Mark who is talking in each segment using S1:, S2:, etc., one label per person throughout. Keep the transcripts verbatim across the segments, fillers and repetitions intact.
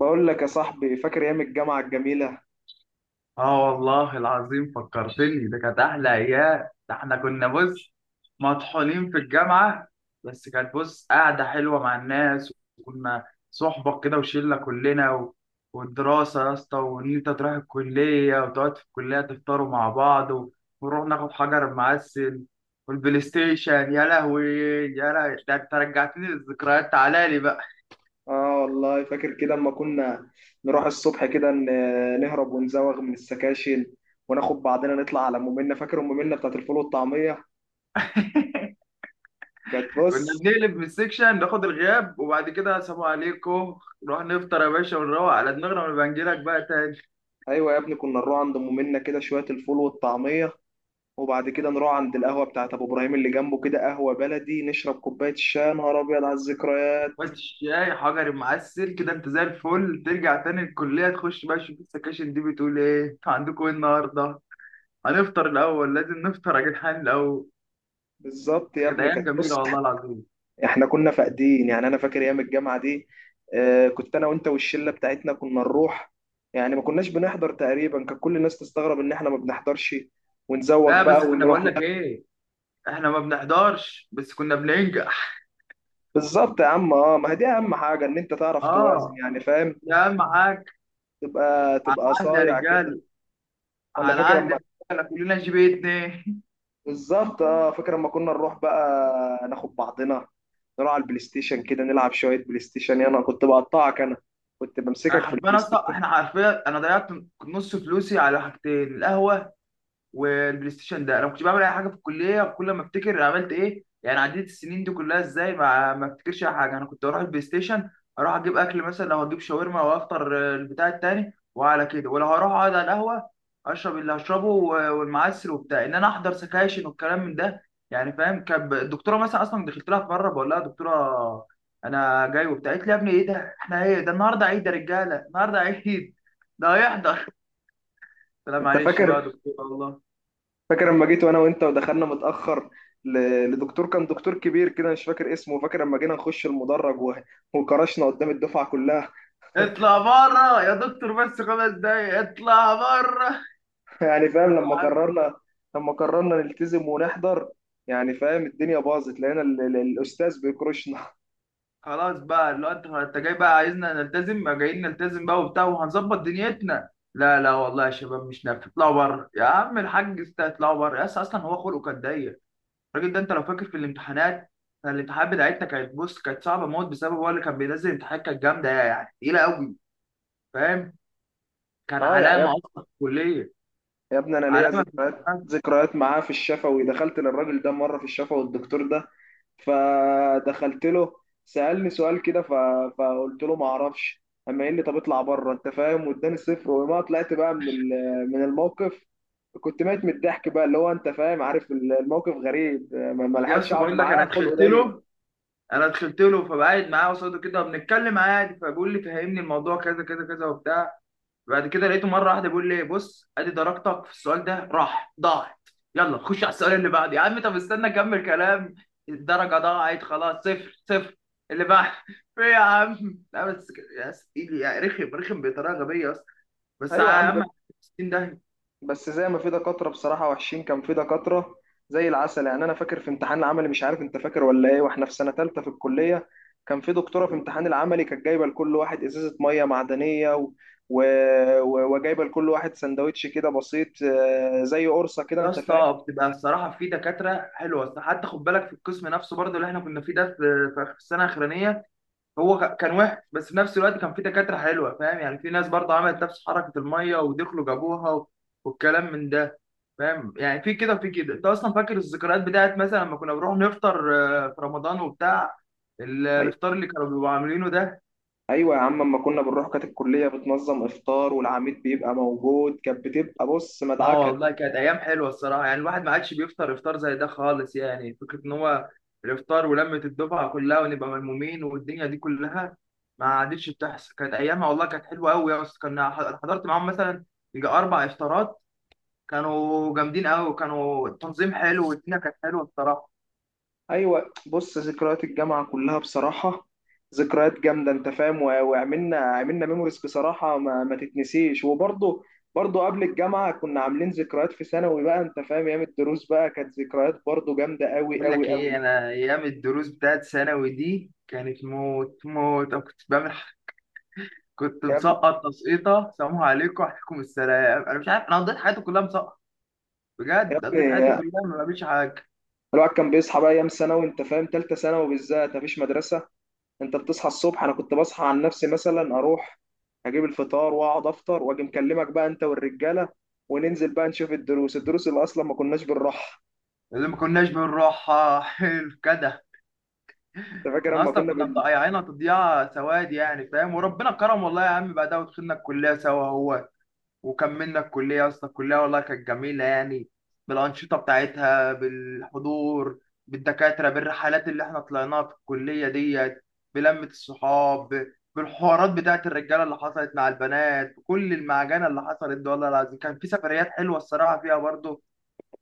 S1: بقول لك يا صاحبي، فاكر ايام الجامعه الجميله.
S2: اه والله العظيم فكرتني، ده كانت احلى ايام. ده احنا كنا بص مطحونين في الجامعه. بس كانت بص قاعده حلوه مع الناس، وكنا صحبه كده وشله كلنا و... والدراسه يا اسطى، وان انت تروح الكليه وتقعد في الكليه تفطروا مع بعض و... ونروح ناخد حجر معسل والبلاي ستيشن. يا لهوي يا لهوي، ده انت رجعتني للذكريات، تعالى لي بقى.
S1: اه والله فاكر كده اما كنا نروح الصبح كده، ن- نهرب ونزوغ من السكاشن وناخد بعضنا نطلع على ام منا. فاكر ام منا بتاعت الفول والطعميه؟ كانت
S2: كنا
S1: بص.
S2: بنقلب من السكشن ناخد الغياب، وبعد كده سلام عليكم، نروح نفطر يا باشا، ونروح على دماغنا، ونبقى نجيلك بقى تاني.
S1: ايوه يا ابني، كنا نروح عند ام منا كده شويه الفول والطعميه، وبعد كده نروح عند القهوه بتاعت ابو ابراهيم اللي جنبه كده، قهوه بلدي، نشرب كوبايه الشاي. يا نهار ابيض على الذكريات!
S2: وقت الشاي حجر معسل كده، انت زي الفل ترجع تاني الكلية، تخش بقى تشوف السكاشن دي، بتقول ايه عندكم ايه النهاردة؟ هنفطر الأول، لازم نفطر يا جدعان الأول.
S1: بالظبط
S2: بس
S1: يا
S2: كانت
S1: ابني،
S2: أيام
S1: كانت بص.
S2: جميلة والله العظيم.
S1: احنا كنا فاقدين، يعني انا فاكر ايام الجامعه دي. آه، كنت انا وانت والشله بتاعتنا كنا نروح، يعني ما كناش بنحضر تقريبا. كان كل الناس تستغرب ان احنا ما بنحضرش ونزوغ
S2: لا بس
S1: بقى
S2: كنا
S1: ونروح
S2: بقول
S1: ن-
S2: لك ايه، احنا ما بنحضرش بس كنا بننجح.
S1: بالظبط يا عم. اه، ما هي دي اهم حاجه، ان انت تعرف توازن،
S2: اه،
S1: يعني فاهم؟
S2: يا معاك.
S1: تبقى
S2: على
S1: تبقى
S2: عهد يا
S1: صايع كده.
S2: رجال،
S1: ولا
S2: على
S1: فاكر
S2: عهد يا
S1: اما
S2: رجالة، كلنا جي بي اتنين.
S1: بالظبط؟ اه فاكر اما كنا نروح بقى، ناخد بعضنا نروح على البلاي ستيشن كده، نلعب شويه بلاي ستيشن. يعني انا كنت بقطعك انا، كنت
S2: انا
S1: بمسكك في البلاي
S2: حرفيا، اصلا
S1: ستيشن.
S2: احنا حرفيا، انا ضيعت نص فلوسي على حاجتين: القهوه والبلاي ستيشن. ده انا ما كنتش بعمل اي حاجه في الكليه، وكل ما افتكر عملت ايه، يعني عديت السنين دي كلها ازاي، ما ما افتكرش اي حاجه. انا كنت اروح البلاي ستيشن، اروح اجيب اكل، مثلا لو هجيب شاورما وافطر، آه، البتاع التاني، وعلى كده، ولا هروح اقعد على القهوه اشرب اللي هشربه و- والمعسل وبتاع، ان انا احضر سكاشن والكلام من ده. يعني فاهم، كان ب- الدكتوره مثلا اصلا دخلت لها في مره بقول لها: دكتوره انا جاي وبتاع. قالت لي: يا ابني ايه ده، احنا ايه ده، النهارده عيد يا رجاله، النهارده عيد ده هيحضر؟ لا
S1: انت
S2: معلش بقى يا
S1: فاكر؟
S2: دكتوره والله.
S1: فاكر لما جيت وانا وانت ودخلنا متاخر ل- لدكتور؟ كان دكتور كبير كده، مش فاكر اسمه. فاكر لما جينا نخش المدرج و- وكرشنا قدام الدفعه كلها؟
S2: اطلع بره يا دكتور، بس خمس دقايق اطلع بره.
S1: يعني فاهم لما قررنا، لما قررنا نلتزم ونحضر، يعني فاهم الدنيا باظت، لقينا ال- ال- الاستاذ بيكرشنا.
S2: خلاص بقى، اللي هو انت انت جاي بقى عايزنا نلتزم، ما جايين نلتزم بقى وبتاع وهنظبط دنيتنا. لا لا والله يا شباب مش نافع، اطلعوا بره يا عم الحاج، است- اطلعوا بره. يس اصلا هو خلقه كان ضيق الراجل ده. انت لو فاكر في الامتحانات، كان الامتحانات بتاعتنا كانت بص، كانت صعبه موت، بسبب هو اللي كان بينزل امتحانات كانت جامده، يعني تقيله قوي، فاهم؟ كان
S1: اه يا
S2: علامه
S1: يا
S2: اصلا في الكليه،
S1: يا ابني، انا ليا
S2: علامه في
S1: ذكريات
S2: الامتحان.
S1: ذكريات معاه في الشفوي. دخلت للراجل ده مره في الشفوي، الدكتور ده، فدخلت له، سالني سؤال كده، ف... فقلت له ما اعرفش. اما قال لي طب اطلع بره، انت فاهم، واداني صفر، وما طلعت بقى من ال... من الموقف. كنت ميت من الضحك بقى، اللي هو انت فاهم، عارف الموقف غريب. ما ما
S2: يا
S1: لحقتش
S2: اسطى
S1: اقعد
S2: بقول لك،
S1: معاه،
S2: انا
S1: خلقه
S2: دخلت
S1: ضيق.
S2: له، انا دخلت له فبقعد معاه قصاده كده وبنتكلم عادي، فبيقول لي فهمني الموضوع كذا كذا كذا وبتاع. بعد كده لقيته مره واحده بيقول لي: بص ادي درجتك في السؤال ده راح ضاعت، يلا خش على السؤال اللي بعده. يا عم طب استنى اكمل كلام! الدرجه ضاعت خلاص، صفر صفر، اللي بعد. في إيه يا عم، لا بس كده- يا سيدي، يعني رخم رخم بطريقه غبيه اصلا. بس يا
S1: ايوه يا عم.
S2: عم ستين ده.
S1: بس زي ما في دكاترة بصراحة وحشين، كان في دكاترة زي العسل. يعني أنا فاكر في امتحان العملي، مش عارف أنت فاكر ولا إيه، وإحنا في سنة تالتة في الكلية، كان في دكتورة في امتحان العملي كانت جايبة لكل واحد إزازة مية معدنية، و... و... و... وجايبة لكل واحد سندوتش كده بسيط، آه، زي قرصة كده،
S2: يا
S1: أنت فاهم.
S2: اسطى بتبقى الصراحه في دكاتره حلوه، أصل حتى خد بالك في القسم نفسه برضه اللي احنا كنا فيه ده، في في آخر السنه الاخرانيه، هو ك- كان وحش، بس في نفس الوقت كان في دكاترة حلوة فاهم. يعني في ناس برضه عملت نفس حركة المية ودخلوا جابوها و- والكلام من ده. فاهم يعني، في كده وفي كده. انت اصلا فاكر الذكريات بتاعت مثلا لما كنا بنروح نفطر آه، في رمضان وبتاع، ال-
S1: أي...
S2: الافطار اللي كانوا بيبقوا عاملينه ده.
S1: أيوة يا عم، أما كنا بنروح كانت الكلية بتنظم إفطار، والعميد بيبقى موجود. كانت بتبقى بص
S2: اه
S1: مدعكة.
S2: والله كانت ايام حلوه الصراحه، يعني الواحد ما عادش بيفطر افطار زي ده خالص، يعني فكره ان هو الافطار ولمه الدفعه كلها ونبقى ملمومين والدنيا دي كلها ما عادتش بتحصل. كانت ايامها والله كانت حلوه قوي يا اسطى. كنا ح- حضرت معاهم مثلا يجي اربع افطارات، كانوا جامدين قوي، كانوا التنظيم حلو والدنيا كانت حلوه الصراحه.
S1: ايوه، بص، ذكريات الجامعه كلها بصراحه ذكريات جامده، انت فاهم، و- وعملنا عملنا ميموريز بصراحه ما, ما تتنسيش. وبرضه، برضه قبل الجامعه كنا عاملين ذكريات في ثانوي بقى، انت فاهم، ايام الدروس بقى كانت ذكريات برضه جامده قوي
S2: بقول لك
S1: قوي
S2: ايه،
S1: قوي.
S2: انا ايام الدروس بتاعت ثانوي دي كانت موت موت. أنا كنت بعمل ح- كنت
S1: يا ابني،
S2: مسقط تسقيطه، سلام عليكم وعليكم السلام، انا مش عارف انا قضيت حياتي كلها مسقط.
S1: يا
S2: بجد قضيت حياتي
S1: ابني
S2: كلها ما بعملش حاجه.
S1: الواحد كان بيصحى بقى ايام ثانوي، انت فاهم، ثالثه ثانوي بالذات، مفيش مدرسه. انت بتصحى الصبح، انا كنت بصحى عن نفسي مثلا، اروح اجيب الفطار واقعد افطر واجي مكلمك بقى انت والرجاله، وننزل بقى نشوف الدروس، الدروس اللي اصلا ما كناش بنروحها.
S2: اللي ما كناش بنروحها حلو كده.
S1: انت فاكر
S2: احنا
S1: اما
S2: اصلا
S1: كنا
S2: كنا
S1: بن
S2: مضيعينها تضييع سواد، يعني فاهم. وربنا كرم والله يا عم، بعدها ودخلنا الكليه سوا هو، وكملنا الكليه يا اسطى. الكليه والله كانت جميله يعني، بالانشطه بتاعتها، بالحضور، بالدكاتره، بالرحلات اللي احنا طلعناها في الكليه ديت، بلمه الصحاب، بالحوارات بتاعت الرجاله اللي حصلت مع البنات، بكل المعجنه اللي حصلت دي، والله العظيم كان في سفريات حلوه الصراحه فيها برضه.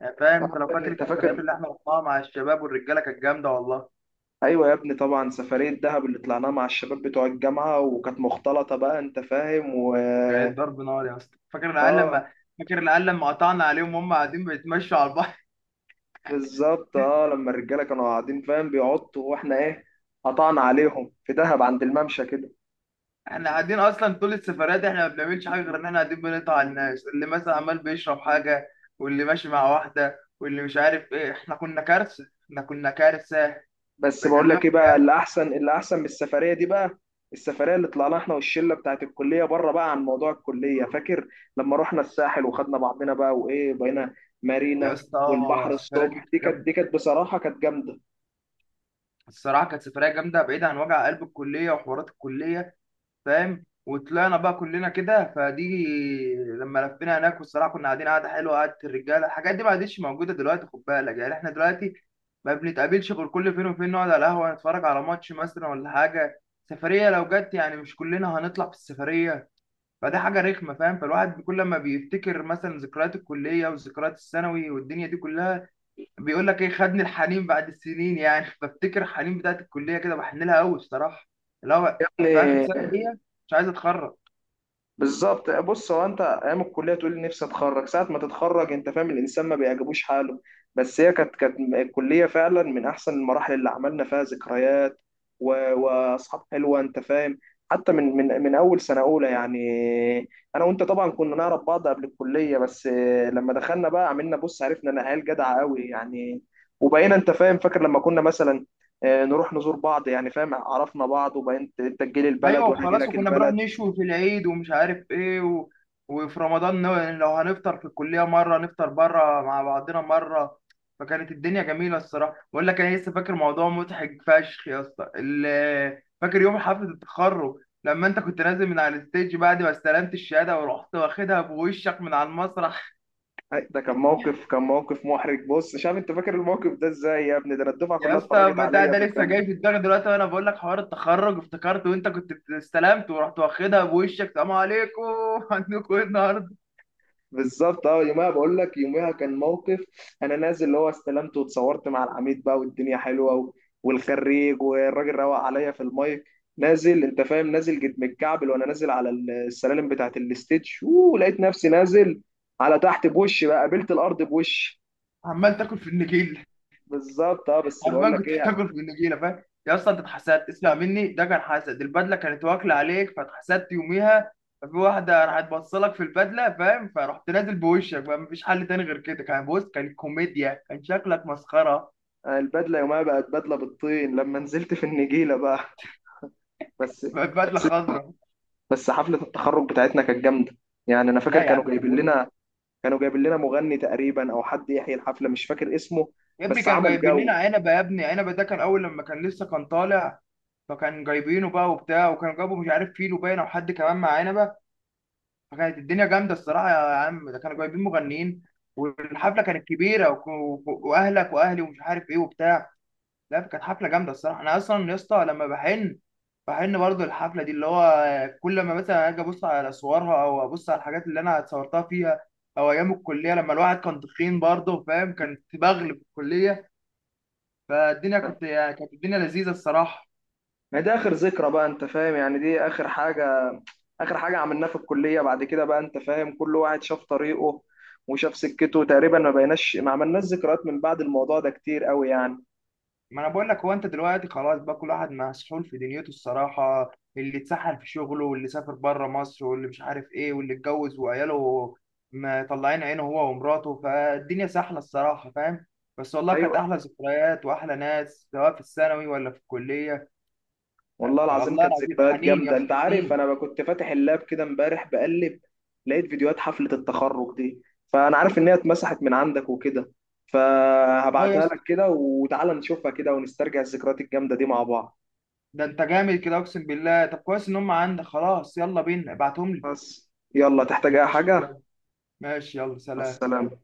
S2: يعني فاهم،
S1: آه،
S2: انت لو فاكر
S1: انت
S2: السفريات
S1: فاكر؟
S2: اللي احنا رحناها مع الشباب والرجاله كانت جامده والله.
S1: ايوه يا ابني، طبعا سفريه دهب اللي طلعناها مع الشباب بتوع الجامعه، وكانت مختلطه بقى، انت فاهم. و
S2: كانت ضرب نار يا اسطى. فاكر العيال
S1: اه
S2: لما، فاكر العيال لما قطعنا عليهم وهم قاعدين بيتمشوا على البحر.
S1: بالظبط، اه لما الرجاله كانوا قاعدين، فاهم، بيعطوا واحنا ايه، قطعنا عليهم في دهب عند الممشى كده.
S2: احنا قاعدين اصلا طول السفريات دي احنا ما بنعملش حاجه، غير ان احنا قاعدين بنقطع على الناس، اللي مثلا عمال بيشرب حاجه، واللي ماشي مع واحده، واللي مش عارف ايه. احنا كنا كارثه، احنا كنا كارثه.
S1: بس بقول
S2: بكلمك
S1: لك ايه بقى،
S2: بجد
S1: اللي احسن، اللي احسن من السفريه دي بقى، السفريه اللي طلعناها احنا والشله بتاعت الكليه بره بقى عن موضوع الكليه. فاكر لما رحنا الساحل وخدنا بعضنا بقى، وايه، بقينا
S2: يا
S1: مارينا
S2: اسطى،
S1: والبحر
S2: السفريات دي
S1: الصبح؟
S2: كانت
S1: دي كانت،
S2: جامده
S1: دي كانت بصراحه كانت جامده
S2: الصراحه، كانت سفريه جامده بعيده عن وجع قلب الكليه وحوارات الكليه فاهم. وطلعنا بقى كلنا كده، فدي لما لفينا هناك والصراحه كنا قاعدين قعده حلوه، قعده الرجاله. الحاجات دي ما عادتش موجوده دلوقتي خد بالك، يعني احنا دلوقتي ما بنتقابلش غير كل فين وفين، نقعد على القهوه نتفرج على ماتش مثلا ولا حاجه. سفريه لو جت يعني مش كلنا هنطلع في السفريه، فده حاجه رخمه فاهم. فالواحد كل ما بيفتكر مثلا ذكريات الكليه وذكريات الثانوي والدنيا دي كلها، بيقول لك ايه، خدني الحنين بعد السنين يعني. بفتكر الحنين بتاعت الكليه كده، بحن لها قوي الصراحه، اللي هو في اخر
S1: يعني.
S2: سنه ليا مش عايز اتخرج.
S1: بالظبط، بص، هو انت ايام الكليه تقول لي نفسي اتخرج، ساعه ما تتخرج انت فاهم الانسان ما بيعجبوش حاله. بس هي كانت، كانت الكليه فعلا من احسن المراحل اللي عملنا فيها ذكريات و... واصحاب حلوه، انت فاهم، حتى من من من اول سنه اولى يعني. انا وانت طبعا كنا نعرف بعض قبل الكليه، بس لما دخلنا بقى عملنا بص، عرفنا ان عيال جدعه قوي يعني. وبقينا، انت فاهم، فاكر لما كنا مثلا آه، نروح نزور بعض، يعني فاهم، عرفنا بعض وبقيت انت تجيلي
S2: ايوه
S1: البلد وانا اجي
S2: وخلاص،
S1: لك
S2: وكنا بنروح
S1: البلد.
S2: نشوي في العيد ومش عارف ايه و... وفي رمضان نو- لو هنفطر في الكليه مره، نفطر بره مع بعضنا مره. فكانت الدنيا جميله الصراحه. بقول لك انا لسه فاكر موضوع مضحك فشخ يا اسطى، ال- فاكر يوم حفله التخرج لما انت كنت نازل من على الستيج بعد ما استلمت الشهاده ورحت واخدها بوشك من على المسرح؟
S1: أي، ده كان موقف، كان موقف محرج بص شاب. انت فاكر الموقف ده ازاي يا ابني؟ ده انا الدفعه
S2: يا
S1: كلها
S2: اسطى
S1: اتفرجت
S2: بتاع
S1: عليا
S2: ده
S1: في
S2: لسه
S1: الجنب.
S2: جاي في دماغي دلوقتي وانا بقول لك حوار التخرج. افتكرت وانت كنت استلمت ورحت واخدها بوشك، سلام عليكم. عندكم ايه النهارده؟
S1: بالظبط اه، يومها بقول لك يومها كان موقف. انا نازل، اللي هو استلمت واتصورت مع العميد بقى، والدنيا حلوه، و... والخريج والراجل روق عليا في المايك. نازل، انت فاهم، نازل جد متكعبل، وانا نازل على السلالم بتاعه الاستيج، ولقيت نفسي نازل على تحت بوشي بقى، قابلت الارض بوشي.
S2: عمال تاكل في النجيله،
S1: بالظبط اه. بس بقول
S2: عمال
S1: لك
S2: كنت
S1: ايه،
S2: بتاكل في النجيله فاهم يا اسطى. انت اتحسدت اسمع مني، ده كان حسد، البدله كانت واكله عليك فاتحسدت يوميها. ففي واحده راحت بصلك في البدله فاهم، فرحت نازل بوشك بقى، مفيش حل تاني غير كده. كان بص، كان كوميديا، كان شكلك مسخره.
S1: البدله يومها بقت بدله بالطين لما نزلت في النجيله بقى. بس
S2: بقت بدله
S1: بس
S2: خضراء.
S1: بس حفلة التخرج بتاعتنا كانت جامدة. يعني أنا
S2: لا
S1: فاكر
S2: يا
S1: كانوا
S2: عم كان
S1: جايبين
S2: بص،
S1: لنا، كانوا جايبين لنا مغني تقريبا أو حد يحيي الحفلة، مش فاكر اسمه،
S2: يا ابني
S1: بس
S2: كانوا
S1: عمل
S2: جايبين لنا
S1: جو.
S2: عنبه، يا ابني عنبه ده كان اول لما كان لسه كان طالع، فكان جايبينه بقى وبتاع. وكانوا جابوا مش عارف فيلو باين او حد كمان مع عنبه، فكانت الدنيا جامده الصراحه يا عم. ده كانوا جايبين مغنيين، والحفله كانت كبيره وك- وك- واهلك واهلي ومش عارف ايه وبتاع. لا كانت حفله جامده الصراحه. انا اصلا يا اسطى لما بحن، بحن برضه الحفله دي، اللي هو كل ما مثلا اجي ابص على صورها او ابص على الحاجات اللي انا اتصورتها فيها، او ايام الكليه لما الواحد كان تخين برضه فاهم، كان بغل في الكليه. فالدنيا كنت يعني، كانت الدنيا لذيذه الصراحه.
S1: ما ده آخر ذكرى بقى، أنت فاهم، يعني دي آخر حاجة، آخر حاجة عملناها في الكلية. بعد كده بقى أنت فاهم كل واحد شاف طريقه وشاف سكته تقريبا، ما بقيناش، ما عملناش ذكريات من بعد الموضوع ده كتير قوي يعني.
S2: ما انا بقول لك هو، انت دلوقتي خلاص بقى كل واحد مسحول في دنيته الصراحه، اللي اتسحل في شغله، واللي سافر بره مصر، واللي مش عارف ايه، واللي اتجوز وعياله مطلعين عينه هو ومراته. فالدنيا سحله الصراحه فاهم. بس والله كانت
S1: أيوه،
S2: احلى ذكريات واحلى ناس، سواء في الثانوي ولا في الكليه.
S1: والله العظيم
S2: الله
S1: كانت
S2: العظيم
S1: ذكريات
S2: حنين يا
S1: جامدة. انت
S2: اسطى
S1: عارف
S2: حنين.
S1: انا كنت فاتح اللاب كده امبارح بقلب، لقيت فيديوهات حفلة التخرج دي، فانا عارف ان هي اتمسحت من عندك وكده،
S2: اه يا
S1: فهبعتها لك
S2: اسطى،
S1: كده، وتعالى نشوفها كده ونسترجع الذكريات الجامدة دي مع بعض.
S2: ده انت جامد كده اقسم بالله. طب كويس ان هم عندك، خلاص يلا بينا ابعتهم لي.
S1: بس يلا، تحتاج اي
S2: ماشي
S1: حاجة؟
S2: يلا، ماشي يلا،
S1: مع
S2: سلام.
S1: السلامة.